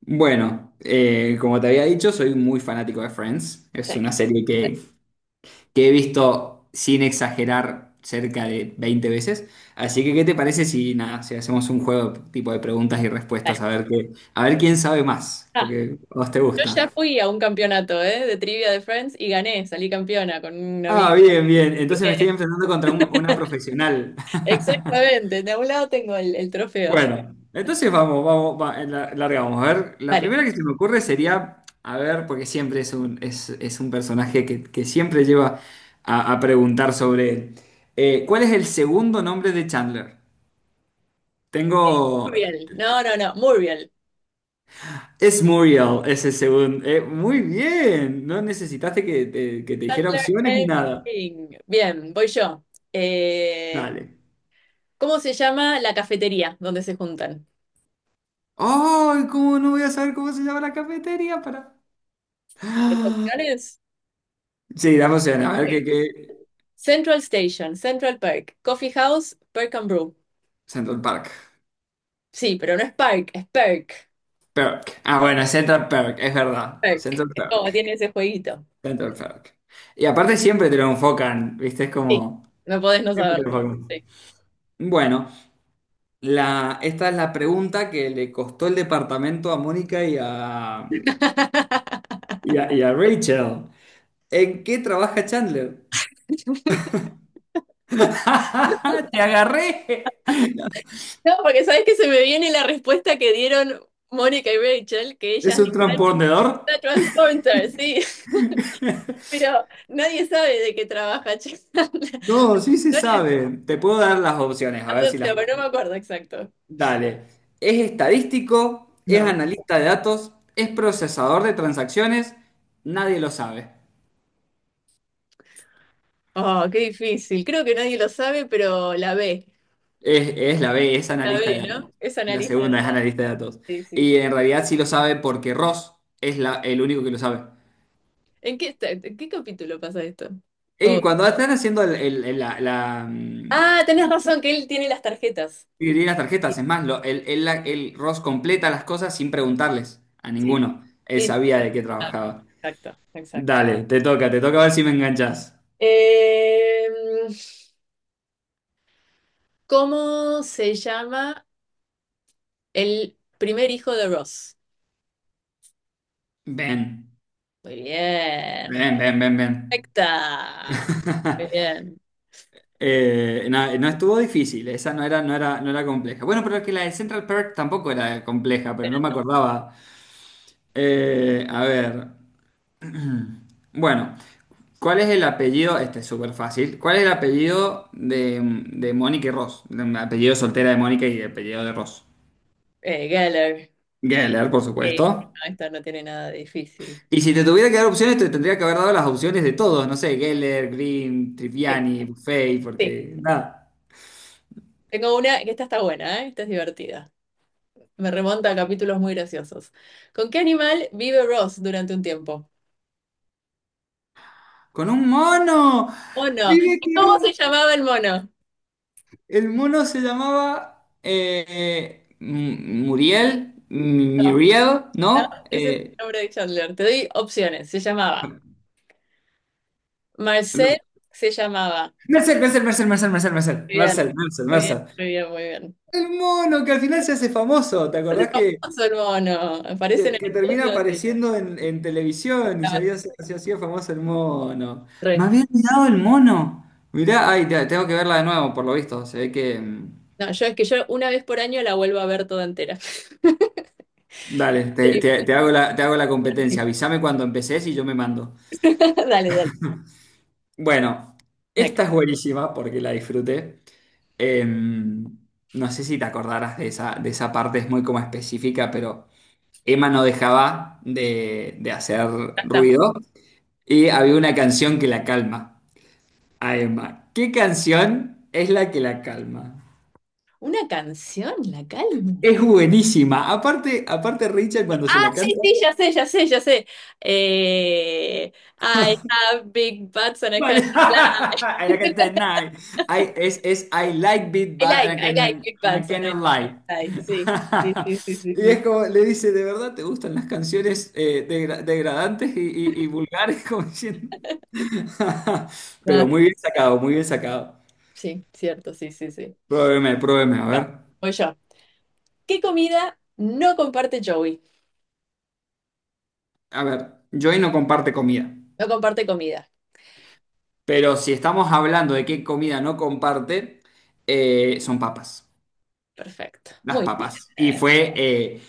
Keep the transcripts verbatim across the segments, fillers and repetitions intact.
Bueno, eh, como te había dicho, soy muy fanático de Friends. Sí. Es una serie que, que he visto sin exagerar cerca de veinte veces. Así que, ¿qué te parece si, nada, si hacemos un juego tipo de preguntas y Vale. respuestas a ver qué, a ver quién sabe más? Ah, Porque a vos te yo gusta. ya fui a un campeonato, ¿eh? De trivia de Friends y gané, salí campeona con una Ah, amiga. bien, bien. Así Entonces me que estoy enfrentando contra un- una profesional. exactamente, de un lado tengo el, el trofeo. Bueno, entonces vamos, vamos, va- eh, la- largamos. A ver, la Dale, primera que se me ocurre sería, a ver, porque siempre es un, es, es un personaje que, que siempre lleva a, a preguntar sobre él. Eh, ¿cuál es el segundo nombre de Chandler? Tengo... Muriel. No, no, no, Muriel. Es Muriel, ese segundo. Eh, muy bien, no necesitaste que te, que te dijera Butler opciones ni and nada. Baking. Bien, voy yo. Eh, Dale. ¿cómo se llama la cafetería donde se juntan? ¡Ay! ¿Cómo no voy a saber cómo se llama la cafetería? Para... ¿Tienes opciones? Sí, dame opciones, a Ok. ver qué... qué... Central Station, Central Park, Coffee House, Perk and Brew. Central Park. Sí, pero no es Park, es Perk. Perk. Ah, bueno, Central Perk, es verdad. Perk. Central Es como Perk. tiene ese jueguito. Central Perk. Y aparte siempre te lo enfocan, ¿viste? Es Sí, como... no podés no Siempre te saberlo. lo enfocan. Sí. Bueno, la, esta es la pregunta que le costó el departamento a Mónica y a, y a, y a Rachel. ¿En qué trabaja Chandler? ¡Te agarré! No, porque sabes que se me viene la respuesta que dieron Mónica y Rachel, que ellas ¿Es un dicen: transponedor? "Ah, Transporter, sí, pero nadie sabe de qué trabaja". Chan. No, sí se sabe. Te puedo dar las opciones, a ver si las... Adopta, pero no me acuerdo exacto. Dale. Es estadístico, es No. analista de datos, es procesador de transacciones, nadie lo sabe. Oh, qué difícil. Creo que nadie lo sabe, pero la ve. Es, es la B, es La analista de ve, datos. ¿no? Es La analista de segunda es la... analista de datos. Sí, sí, Y sí. en realidad sí lo sabe porque Ross es la- el único que lo sabe. ¿En qué, está- en qué capítulo pasa esto? Oh. Y cuando están haciendo el, el- el- la, la, mm, Ah, tenés razón, que él tiene las tarjetas. dividir las Sí, tarjetas, es más, lo- el, el- la- el Ross completa las cosas sin preguntarles a sí, ninguno. Él sí, sabía de qué trabajaba. exacto, exacto. Dale, te toca, te toca a ver si me enganchas. Eh, ¿cómo se llama el primer hijo de Ross? Ven. Muy bien, Bien, bien, bien, bien. perfecta. Muy bien. Eh, no, no estuvo difícil, esa no era, no era, no era compleja. Bueno, pero es que la de Central Park tampoco era compleja, pero no me acordaba. Eh, a ver. Bueno, ¿cuál es el apellido? Este es súper fácil. ¿Cuál es el apellido de, de Mónica y Ross? El apellido soltera de Mónica y el apellido de Ross. Eh, Geller. Geller, por Sí, supuesto. no, esto no tiene nada de difícil. Y si te tuviera que dar opciones, te tendría que haber dado las opciones de todos. No sé, Geller, Green, Sí. Triviani, Buffet, Sí, porque nada. tengo una, que esta está buena, ¿eh? Esta es divertida. Me remonta a capítulos muy graciosos. ¿Con qué animal vive Ross durante un tiempo? ¡Con un mono! Mono. Vive ¿Y con cómo se un- llamaba el mono? El mono se llamaba eh, eh, M- Muriel, M- No, Muriel, no, ¿no? ese es el Eh, nombre de Chandler. Te doy opciones. Se llamaba Marcel, se llamaba. Marcel, Marcel, Marcel, Marcel, Marcel, Marcel, Muy bien, Marcel, Marcel, muy bien, Marcel. muy bien, muy bien. El mono que al final se hace famoso, ¿te Es acordás que, famoso el mono. Aparece en que, el que termina estudio y apareciendo en, en televisión y se estaba había, se hacía famoso el mono? Me re. había olvidado el mono. Mirá, ay, te- tengo que verla de nuevo, por lo visto. Se ve que... mm, No, yo es que yo una vez por año la vuelvo a ver toda entera. Dale, te, te- te hago la, te hago la competencia. Avísame cuando empecés y yo me mando. Dale, dale. Bueno, Acá esta es buenísima porque la disfruté. Em, no sé si te acordarás de esa, de esa parte, es muy como específica, pero Emma no dejaba de, de hacer está. ruido y había una canción que la calma a Emma. ¿Qué canción es la que la calma? Una canción, La Calma. Es buenísima. Aparte, aparte Richard cuando Ah, se la sí, canta, sí, ya sé, ya sé, ya sé. Eh, I have big butts and I vale, can't lie. I can't deny. I- es, es I like beat, I but like, I I like can- big and I butts and I cannot can't lie. lie. Sí, sí, sí, sí, sí. Y es Sí, como, le dice, ¿de verdad te gustan las canciones eh, degra- degradantes y, y- y vulgares? Como diciendo. no, Pero no, muy bien no, sacado, muy bien sacado. sí, cierto, sí, sí, sí. Pruébeme, pruébeme, a Yo, ver. voy yo. ¿Qué comida no comparte Joey? A ver, Joy no comparte comida. No comparte comida. Pero si estamos hablando de qué comida no comparte, eh, son papas. Perfecto. Las Muy bien. papas. Y fue eh,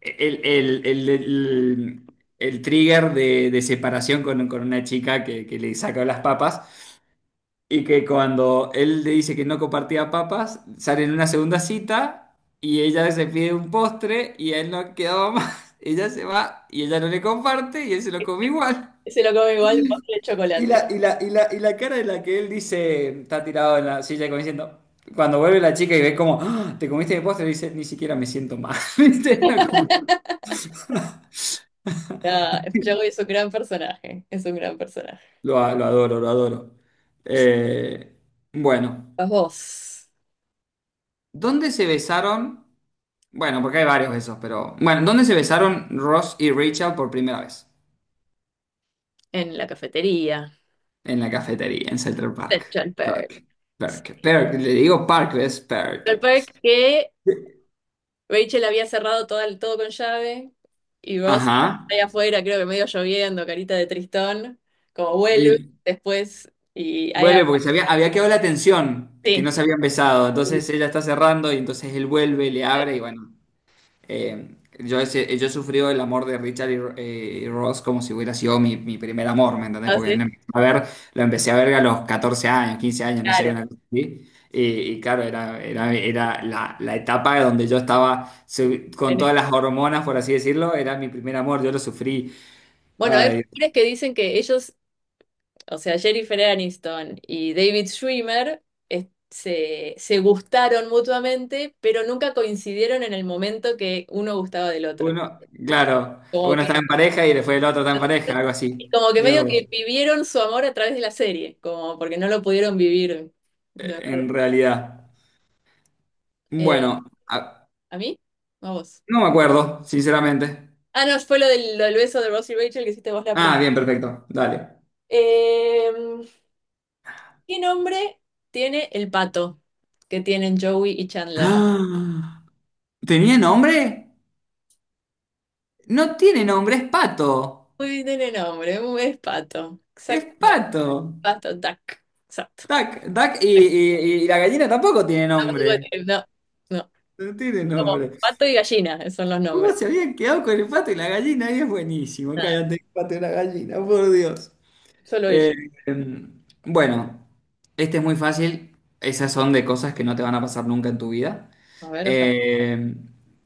el, el- el- el- el trigger de, de separación con, con una chica que, que le sacó las papas. Y que cuando él le dice que no compartía papas, salen en una segunda cita y ella se pide un postre y a él no quedaba más. Ella se va y ella no le comparte y él se lo come igual. Se lo come igual, postre de Y chocolate. la, y la, y la, y la cara de la que él dice, está tirado en la silla como diciendo, cuando vuelve la chica y ve como, "Ah, te comiste mi postre", dice, ni siquiera me siento mal. ¿Viste? Era como... Ah, Joey es un gran personaje. Es un gran personaje. Lo, a- lo adoro, lo adoro. Eh, bueno, Vas vos. ¿dónde se besaron? Bueno, porque hay varios besos, pero... Bueno, ¿dónde se besaron Ross y Rachel por primera vez? En la cafetería. En la cafetería, en Central Park. Central Park. Perk, perk, perk. Le digo park, es Central perk. Park que Rachel había cerrado todo, el- todo con llave y Ross Ajá. allá afuera, creo que medio lloviendo, carita de tristón, como vuelve Y después y ahí hab- vuelve porque se había, había quedado la tensión, que sí, no se habían besado. Entonces ella está cerrando y entonces él vuelve, le abre y bueno. Eh, yo, ese- yo he sufrido el amor de Richard y, Ro- eh, y Ross como si hubiera sido mi, mi primer amor, ¿me entendés? Porque entonces, no empecé a ver, lo empecé a ver a los catorce años, quince años, no sé, claro. una cosa así. Y, y claro, era, era, era la, la etapa donde yo estaba se- con en- todas las hormonas, por así decirlo, era mi primer amor, yo lo sufrí. Bueno, hay Ay, rumores que dicen que ellos, o sea, Jennifer Aniston y David Schwimmer es- se, se gustaron mutuamente, pero nunca coincidieron en el momento que uno gustaba del otro. uno, claro, Como uno que está en pareja y después el otro está en pareja, algo así. y como que Mirá medio vos, que vivieron su amor a través de la serie, como porque no lo pudieron vivir de eh, verdad. en realidad. Eh, Bueno, a- ¿a mí? ¿O ¿a vos? no me acuerdo, sinceramente. Ah, no, fue lo del, lo del beso de Ross y Rachel que hiciste vos la Ah, pregunta. bien, perfecto. Dale. Eh, ¿qué nombre tiene el pato que tienen Joey y Chandler? ¡Ah! ¿Tenía nombre? No tiene nombre, es pato. Uy, no tiene nombre, es pato. Es Exactamente. pato. Pato, duck. Exacto. Duck, duck y, y- y la gallina tampoco tiene Tampoco nombre. tiene... No, no. No tiene Como nombre. pato y gallina, esos son los ¿Cómo nombres. se habían quedado con el pato y la gallina? Es buenísimo. Nada, Cállate, el pato y la gallina, por Dios. solo ellos. Eh, em, bueno, este es muy fácil. Esas son de cosas que no te van a pasar nunca en tu vida. A ver, ojalá. Eh,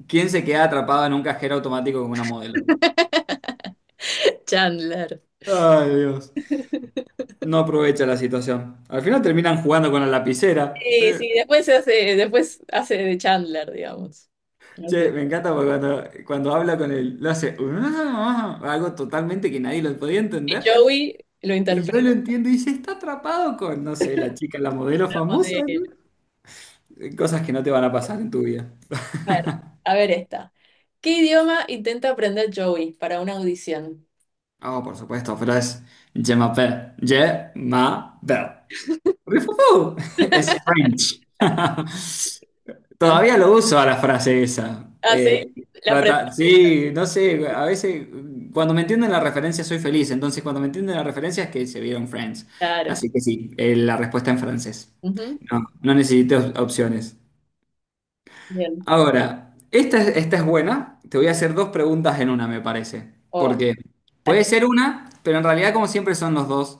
¿quién se queda atrapado en un cajero automático con una modelo? Chandler. Ay, Dios. No aprovecha la situación. Al final terminan jugando con la lapicera. Sí, Eh, sí, después se hace, después hace de Chandler, digamos. No Che, sé. me encanta porque cuando, cuando habla con él, lo hace "Ah", algo totalmente que nadie lo podía Y entender. Joey lo Y yo lo interpretamos entiendo y dice, está atrapado con, no sé, la chica, la modelo de famosa, él. ¿no? Eh, cosas que no te van a pasar en tu vida. A ver, a ver esta. ¿Qué idioma intenta aprender Joey para una audición? Ah, por supuesto, pero es Je m'appelle. Je m'appelle. Rifufú. Es French. Fran- Todavía lo uso a la frase esa. Ah, sí, Eh, la aprendí. Trata- sí, no sé, a veces cuando me entienden la referencia soy feliz, entonces cuando me entienden la referencia es que se vieron Friends. Claro. Así que sí, eh, la respuesta en francés. Ujú, No, no necesito op- opciones. bien. Ahora, esta, es- esta es buena, te voy a hacer dos preguntas en una, me parece, Oh, porque puede dale, ser una, pero en realidad como siempre son los dos.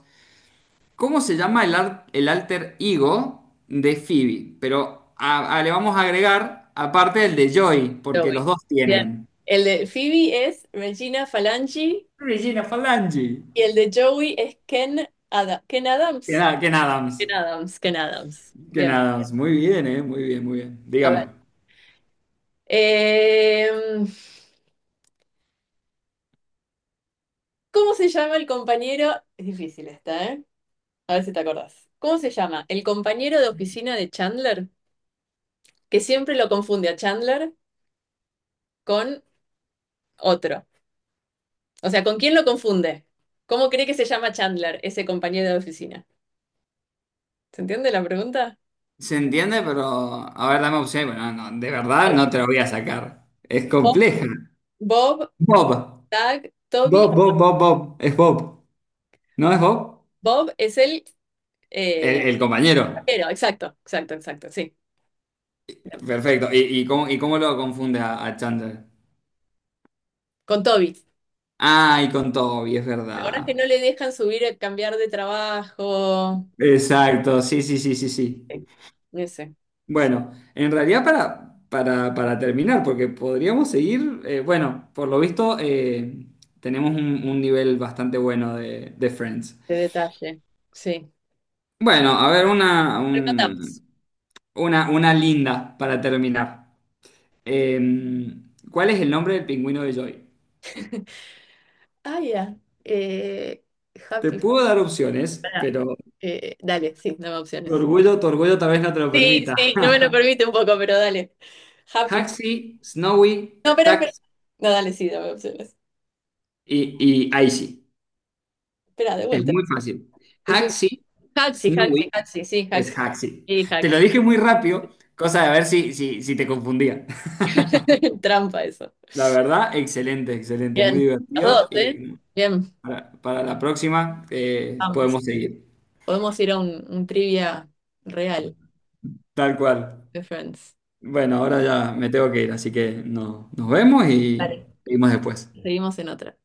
¿Cómo se llama el, ar- el alter ego de Phoebe? Pero a- a- le vamos a agregar, aparte el de Joy, porque los Joey. dos Bien. tienen. El de Phoebe es Regina Falangi Regina Falangi. y el de Joey es Ken, Ada- Ken Que Adams. nada, Ken Adams. Ken Adams, Ken Adams. Ken Bien. Adams. Muy bien, eh. Muy bien, muy bien. A ver. Dígame. Em, ¿Cómo se llama el compañero? Es difícil esta, ¿eh? A ver si te acordás. ¿Cómo se llama el compañero de oficina de Chandler que siempre lo confunde a Chandler con otro? O sea, ¿con quién lo confunde? ¿Cómo cree que se llama Chandler, ese compañero de oficina? ¿Se entiende la pregunta? Se entiende, pero... A ver, dame opciones. Bueno, no, no, de verdad no te lo voy a sacar. Es Bob, compleja. Bob, Bob. Doug, Toby. Bob, Bob, Bob, Bob. Es Bob. ¿No es Bob? Bob es el El, eh, el compañero. vaquero, exacto, exacto, exacto, sí. Perfecto. ¿Y, y cómo, y cómo lo confunde a, a Chandler? Con Toby. Ay, con Toby, es ¿Te acordás que verdad. no le dejan subir, eh, cambiar de trabajo? Exacto, sí, sí, sí, sí, sí. Sí, ese. Bueno, en realidad para, para, para terminar, porque podríamos seguir, eh, bueno, por lo visto eh, tenemos un, un nivel bastante bueno de, de Friends. De detalle. Sí. Bueno, a ver, una, Rematamos. un- una, una linda para terminar. Eh, ¿cuál es el nombre del pingüino de Joy? Ah, ya. Eh, Te happy. puedo dar opciones, Pará. pero Eh, dale, sí, dame tu opciones. orgullo, tu orgullo tal vez no te lo Sí, permita. sí, no me lo permite un poco, pero dale. Happy. Haxi, Snowy, No, espera, espera. Taxi. No, dale, sí, dame opciones. Y, y ahí sí, Espera, de es vuelta. muy fácil. Decime, Haxi, Haxi, Snowy Haxi, Haxi, sí, Haxi. es Haxi. Sí, Te lo Haxi. dije muy rápido, cosa de ver si, si, si te confundía. Trampa eso. La verdad, excelente, excelente, muy Bien, los divertido. dos, Y ¿eh? bueno, Bien, para, para la próxima eh, vamos. podemos seguir. Podemos ir a un, un trivia real Tal cual. de Friends. Bueno, ahora ya me tengo que ir, así que no, nos vemos y Vale. seguimos después. Seguimos en otra.